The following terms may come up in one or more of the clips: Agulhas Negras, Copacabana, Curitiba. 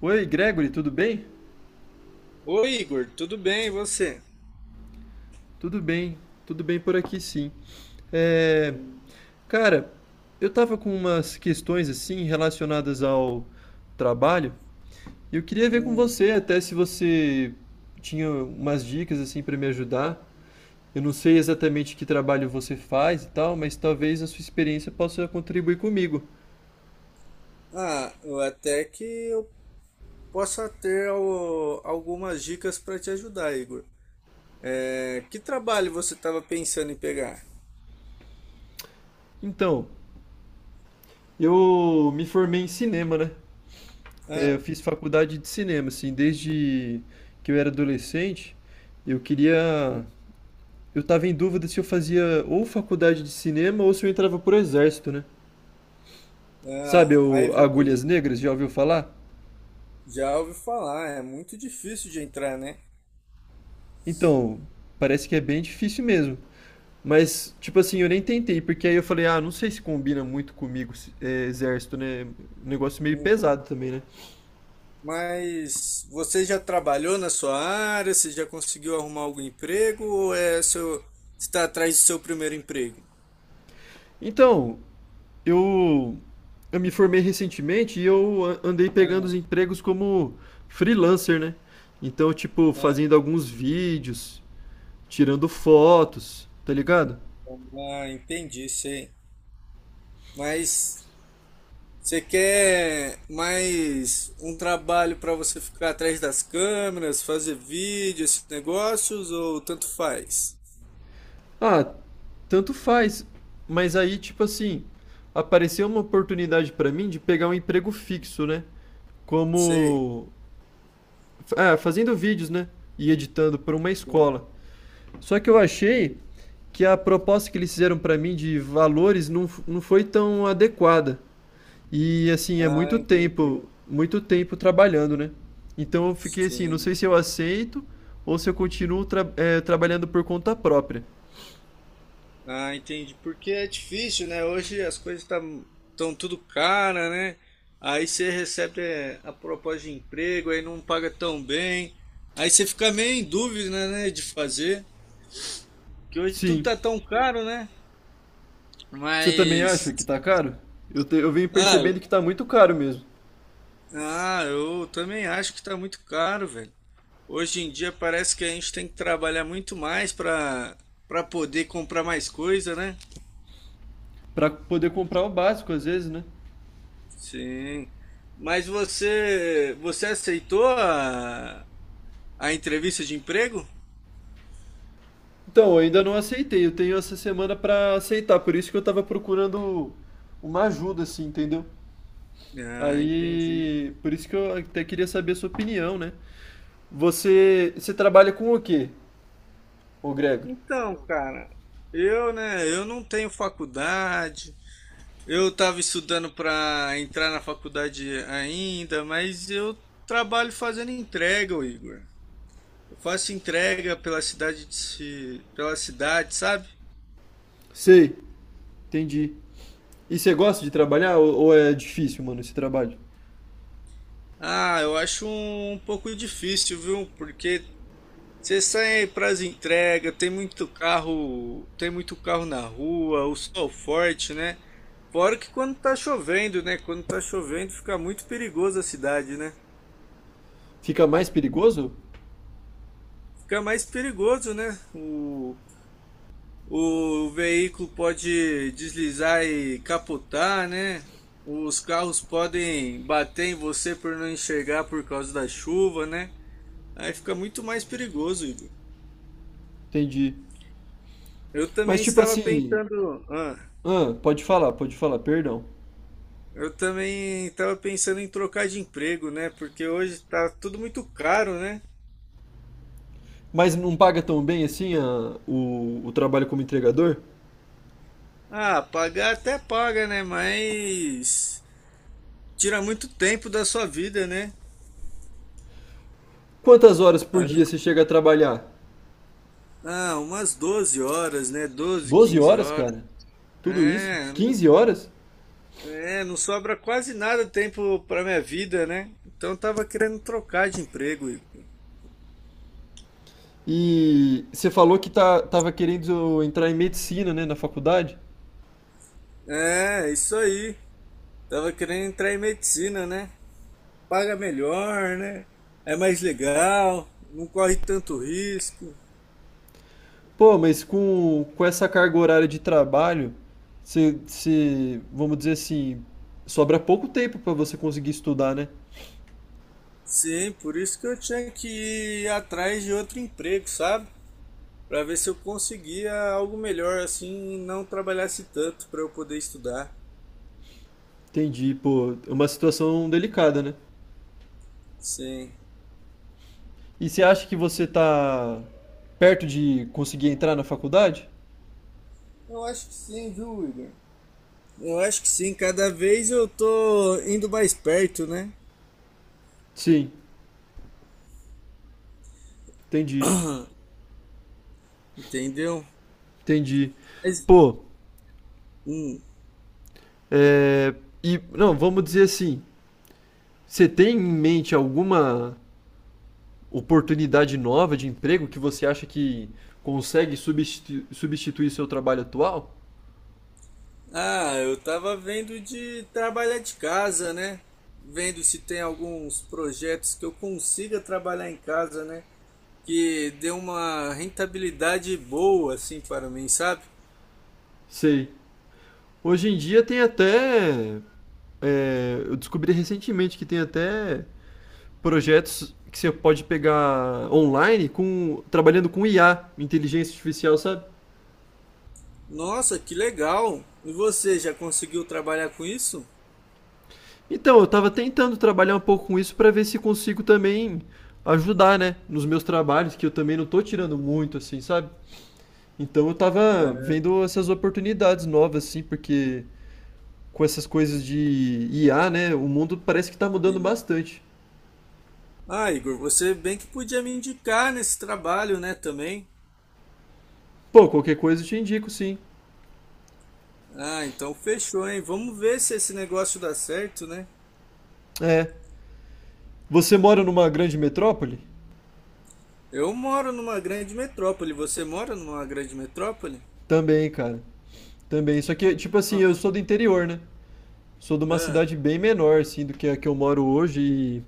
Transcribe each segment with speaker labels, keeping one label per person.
Speaker 1: Oi, Gregory, tudo bem?
Speaker 2: Oi, Igor, tudo bem, e você?
Speaker 1: Tudo bem, tudo bem por aqui sim. É,
Speaker 2: Hum.
Speaker 1: cara, eu tava com umas questões assim relacionadas ao trabalho e eu queria ver com você, até se você tinha umas dicas assim para me ajudar. Eu não sei exatamente que trabalho você faz e tal, mas talvez a sua experiência possa contribuir comigo.
Speaker 2: Ah, eu até que eu possa ter algumas dicas para te ajudar, Igor. É, que trabalho você estava pensando em pegar?
Speaker 1: Então, eu me formei em cinema, né?
Speaker 2: Ah,
Speaker 1: Eu fiz faculdade de cinema, assim, desde que eu era adolescente. Eu queria eu tava em dúvida se eu fazia ou faculdade de cinema ou se eu entrava pro exército, né? Sabe
Speaker 2: aí
Speaker 1: o
Speaker 2: você
Speaker 1: Agulhas Negras, já ouviu falar?
Speaker 2: já ouviu falar, é muito difícil de entrar, né?
Speaker 1: Então, parece que é bem difícil mesmo. Mas, tipo assim, eu nem tentei, porque aí eu falei, ah, não sei se combina muito comigo é, exército, né? Um negócio meio
Speaker 2: Hum.
Speaker 1: pesado também, né?
Speaker 2: Mas você já trabalhou na sua área? Você já conseguiu arrumar algum emprego? Ou é seu, está atrás do seu primeiro emprego?
Speaker 1: Então, eu, eu me formei recentemente e andei pegando os empregos como freelancer, né? Então, tipo,
Speaker 2: Ah,
Speaker 1: fazendo alguns vídeos, tirando fotos, tá ligado?
Speaker 2: ah, entendi, sei. Mas você quer mais um trabalho para você ficar atrás das câmeras, fazer vídeo, esses negócios, ou tanto faz?
Speaker 1: Ah, tanto faz. Mas aí, tipo assim, apareceu uma oportunidade pra mim de pegar um emprego fixo, né?
Speaker 2: Sei.
Speaker 1: Como, ah, fazendo vídeos, né? E editando para uma escola. Só que eu achei
Speaker 2: Entendi.
Speaker 1: que a proposta que eles fizeram pra mim de valores não, não foi tão adequada. E assim, é
Speaker 2: Ah, entendi.
Speaker 1: muito tempo trabalhando, né? Então eu fiquei assim, não sei
Speaker 2: Sim.
Speaker 1: se eu aceito ou se eu continuo trabalhando por conta própria.
Speaker 2: Ah, entendi. Porque é difícil, né? Hoje as coisas estão tão tudo cara, né? Aí você recebe, é, a proposta de emprego, aí não paga tão bem. Aí você fica meio em dúvida, né, de fazer. Porque hoje tudo
Speaker 1: Sim.
Speaker 2: tá tão caro, né?
Speaker 1: Você também acha
Speaker 2: Mas
Speaker 1: que tá caro? Eu venho
Speaker 2: ah, eu,
Speaker 1: percebendo que tá muito caro mesmo.
Speaker 2: ah, eu também acho que tá muito caro, velho. Hoje em dia parece que a gente tem que trabalhar muito mais para poder comprar mais coisa, né?
Speaker 1: Pra poder comprar o básico, às vezes, né?
Speaker 2: Sim. Mas você aceitou a entrevista de emprego?
Speaker 1: Então, eu ainda não aceitei. Eu tenho essa semana pra aceitar. Por isso que eu tava procurando uma ajuda, assim, entendeu?
Speaker 2: Ah, entendi.
Speaker 1: Aí. Por isso que eu até queria saber a sua opinião, né? Você. Você trabalha com o quê, ô Gregor?
Speaker 2: Então, cara, eu, né, eu não tenho faculdade. Eu estava estudando para entrar na faculdade ainda, mas eu trabalho fazendo entrega, ô Igor. Eu faço entrega pela cidade de, pela cidade, sabe?
Speaker 1: Sei, entendi. E você gosta de trabalhar ou é difícil, mano, esse trabalho?
Speaker 2: Ah, eu acho um, um pouco difícil, viu? Porque você sai para as entregas, tem muito carro na rua, o sol forte, né? Fora que quando tá chovendo, né? Quando tá chovendo fica muito perigoso a cidade, né?
Speaker 1: Fica mais perigoso?
Speaker 2: Fica mais perigoso, né? O veículo pode deslizar e capotar, né? Os carros podem bater em você por não enxergar por causa da chuva, né? Aí fica muito mais perigoso, Igor.
Speaker 1: Entendi.
Speaker 2: Eu
Speaker 1: Mas,
Speaker 2: também
Speaker 1: tipo
Speaker 2: estava
Speaker 1: assim.
Speaker 2: pensando, ah,
Speaker 1: Ah, pode falar, perdão.
Speaker 2: eu também estava pensando em trocar de emprego, né? Porque hoje tá tudo muito caro, né?
Speaker 1: Mas não paga tão bem assim o trabalho como entregador?
Speaker 2: Ah, pagar até paga, né? Mas tira muito tempo da sua vida, né?
Speaker 1: Quantas horas por dia
Speaker 2: Aí-
Speaker 1: você chega a trabalhar?
Speaker 2: ah, umas 12 horas, né? 12,
Speaker 1: 12
Speaker 2: 15
Speaker 1: horas,
Speaker 2: horas.
Speaker 1: cara? Tudo isso?
Speaker 2: É, não,
Speaker 1: 15 horas?
Speaker 2: não sobra quase nada tempo para minha vida, né? Então eu tava querendo trocar de emprego, Igor.
Speaker 1: E você falou que tava querendo entrar em medicina, né, na faculdade?
Speaker 2: É, isso aí. Tava querendo entrar em medicina, né? Paga melhor, né? É mais legal, não corre tanto risco.
Speaker 1: Pô, mas com essa carga horária de trabalho, você, vamos dizer assim, sobra pouco tempo pra você conseguir estudar, né?
Speaker 2: Sim, por isso que eu tinha que ir atrás de outro emprego, sabe? Para ver se eu conseguia algo melhor assim, e não trabalhasse tanto para eu poder estudar.
Speaker 1: Entendi, pô, é uma situação delicada, né?
Speaker 2: Sim.
Speaker 1: E você acha que você tá perto de conseguir entrar na faculdade?
Speaker 2: Eu acho que sim, viu, Igor? Eu acho que sim, cada vez eu tô indo mais perto, né?
Speaker 1: Sim, entendi,
Speaker 2: Entendeu?
Speaker 1: entendi.
Speaker 2: Mas,
Speaker 1: Pô,
Speaker 2: hum.
Speaker 1: é, e não, vamos dizer assim, você tem em mente alguma oportunidade nova de emprego que você acha que consegue substituir seu trabalho atual?
Speaker 2: Ah, eu tava vendo de trabalhar de casa, né? Vendo se tem alguns projetos que eu consiga trabalhar em casa, né? Que dê uma rentabilidade boa, assim, para mim, sabe?
Speaker 1: Sei. Hoje em dia tem até, é, eu descobri recentemente que tem até projetos que você pode pegar online com trabalhando com IA, inteligência artificial, sabe?
Speaker 2: Nossa, que legal! E você já conseguiu trabalhar com isso?
Speaker 1: Então, eu tava tentando trabalhar um pouco com isso para ver se consigo também ajudar, né, nos meus trabalhos, que eu também não tô tirando muito assim, sabe? Então, eu tava
Speaker 2: É.
Speaker 1: vendo essas oportunidades novas assim, porque com essas coisas de IA, né, o mundo parece que tá mudando bastante.
Speaker 2: Ah, Igor, você bem que podia me indicar nesse trabalho, né, também.
Speaker 1: Pô, qualquer coisa eu te indico, sim.
Speaker 2: Ah, então fechou, hein? Vamos ver se esse negócio dá certo, né?
Speaker 1: É. Você mora numa grande metrópole?
Speaker 2: Eu moro numa grande metrópole. Você mora numa grande metrópole?
Speaker 1: Também, cara. Também, só que, tipo assim,
Speaker 2: Ah,
Speaker 1: eu sou do interior, né? Sou de uma
Speaker 2: ah,
Speaker 1: cidade bem menor, assim, do que a que eu moro hoje e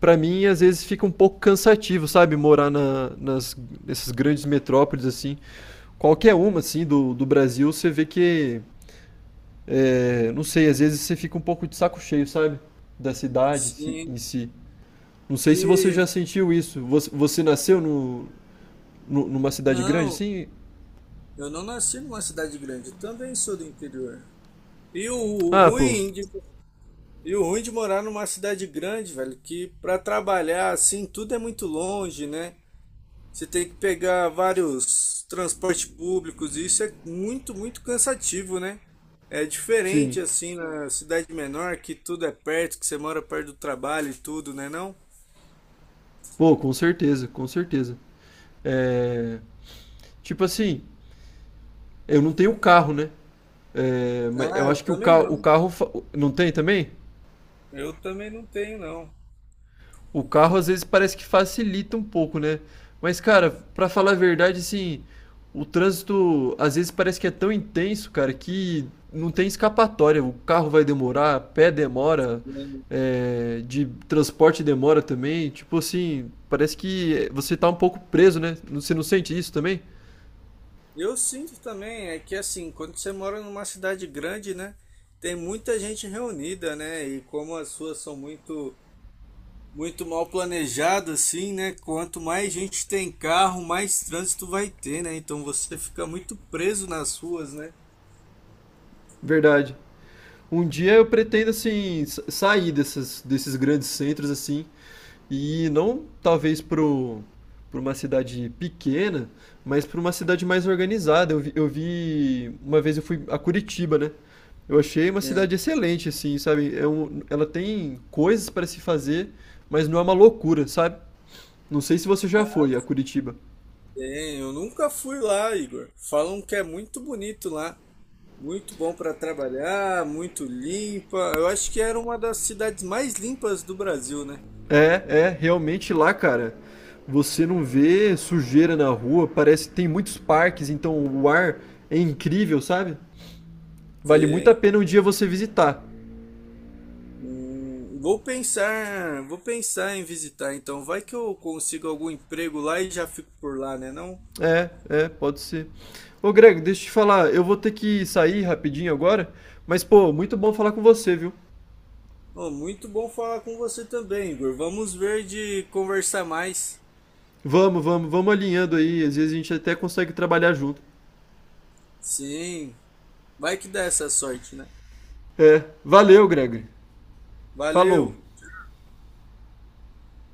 Speaker 1: pra mim às vezes fica um pouco cansativo, sabe? Morar nessas grandes metrópoles, assim. Qualquer uma, assim, do Brasil, você vê que, é, não sei, às vezes você fica um pouco de saco cheio, sabe? Da cidade em si.
Speaker 2: sim.
Speaker 1: Não sei se você
Speaker 2: E
Speaker 1: já sentiu isso. Você nasceu no, nu- numa cidade grande,
Speaker 2: não,
Speaker 1: assim?
Speaker 2: eu não nasci numa cidade grande. Eu também sou do interior. E o
Speaker 1: Ah, pô,
Speaker 2: ruim de, e o ruim de morar numa cidade grande, velho, que pra trabalhar assim tudo é muito longe, né? Você tem que pegar vários transportes públicos, e isso é muito, muito cansativo, né? É
Speaker 1: sim.
Speaker 2: diferente assim na cidade menor, que tudo é perto, que você mora perto do trabalho e tudo, né não?
Speaker 1: Pô, com certeza, com certeza. É... Tipo assim, eu não tenho carro, né? É, mas eu
Speaker 2: Ah, eu
Speaker 1: acho que
Speaker 2: também não.
Speaker 1: o carro não tem também?
Speaker 2: Eu também não tenho, não.
Speaker 1: O carro às vezes parece que facilita um pouco, né? Mas cara, pra falar a verdade, assim, o trânsito às vezes parece que é tão intenso, cara, que não tem escapatória. O carro vai demorar, pé demora, é, de transporte demora também. Tipo assim, parece que você tá um pouco preso, né? Você não sente isso também?
Speaker 2: Eu sinto também, é que assim, quando você mora numa cidade grande, né, tem muita gente reunida, né, e como as suas são muito mal planejado assim, né? Quanto mais gente tem carro, mais trânsito vai ter, né? Então você fica muito preso nas ruas, né?
Speaker 1: Verdade. Um dia eu pretendo, assim, sair desses grandes centros, assim, e não talvez pra uma cidade pequena, mas pra uma cidade mais organizada. Eu vi, uma vez eu fui a Curitiba, né? Eu achei uma
Speaker 2: É,
Speaker 1: cidade excelente, assim, sabe? É um, ela tem coisas para se fazer, mas não é uma loucura, sabe? Não sei se você já foi a Curitiba.
Speaker 2: tem. Eu nunca fui lá, Igor. Falam que é muito bonito lá, muito bom para trabalhar, muito limpa. Eu acho que era uma das cidades mais limpas do Brasil, né?
Speaker 1: É, é, realmente lá, cara, você não vê sujeira na rua, parece que tem muitos parques, então o ar é incrível, sabe? Vale muito a
Speaker 2: Tem.
Speaker 1: pena um dia você visitar.
Speaker 2: Vou pensar em visitar, então vai que eu consigo algum emprego lá e já fico por lá, né? Não?
Speaker 1: É, é, pode ser. Ô, Greg, deixa eu te falar, eu vou ter que sair rapidinho agora, mas pô, muito bom falar com você, viu?
Speaker 2: Oh, muito bom falar com você também, Igor. Vamos ver de conversar mais.
Speaker 1: Vamos, vamos, vamos alinhando aí, às vezes a gente até consegue trabalhar junto.
Speaker 2: Sim, vai que dá essa sorte, né?
Speaker 1: É, valeu, Greg.
Speaker 2: Valeu!
Speaker 1: Falou.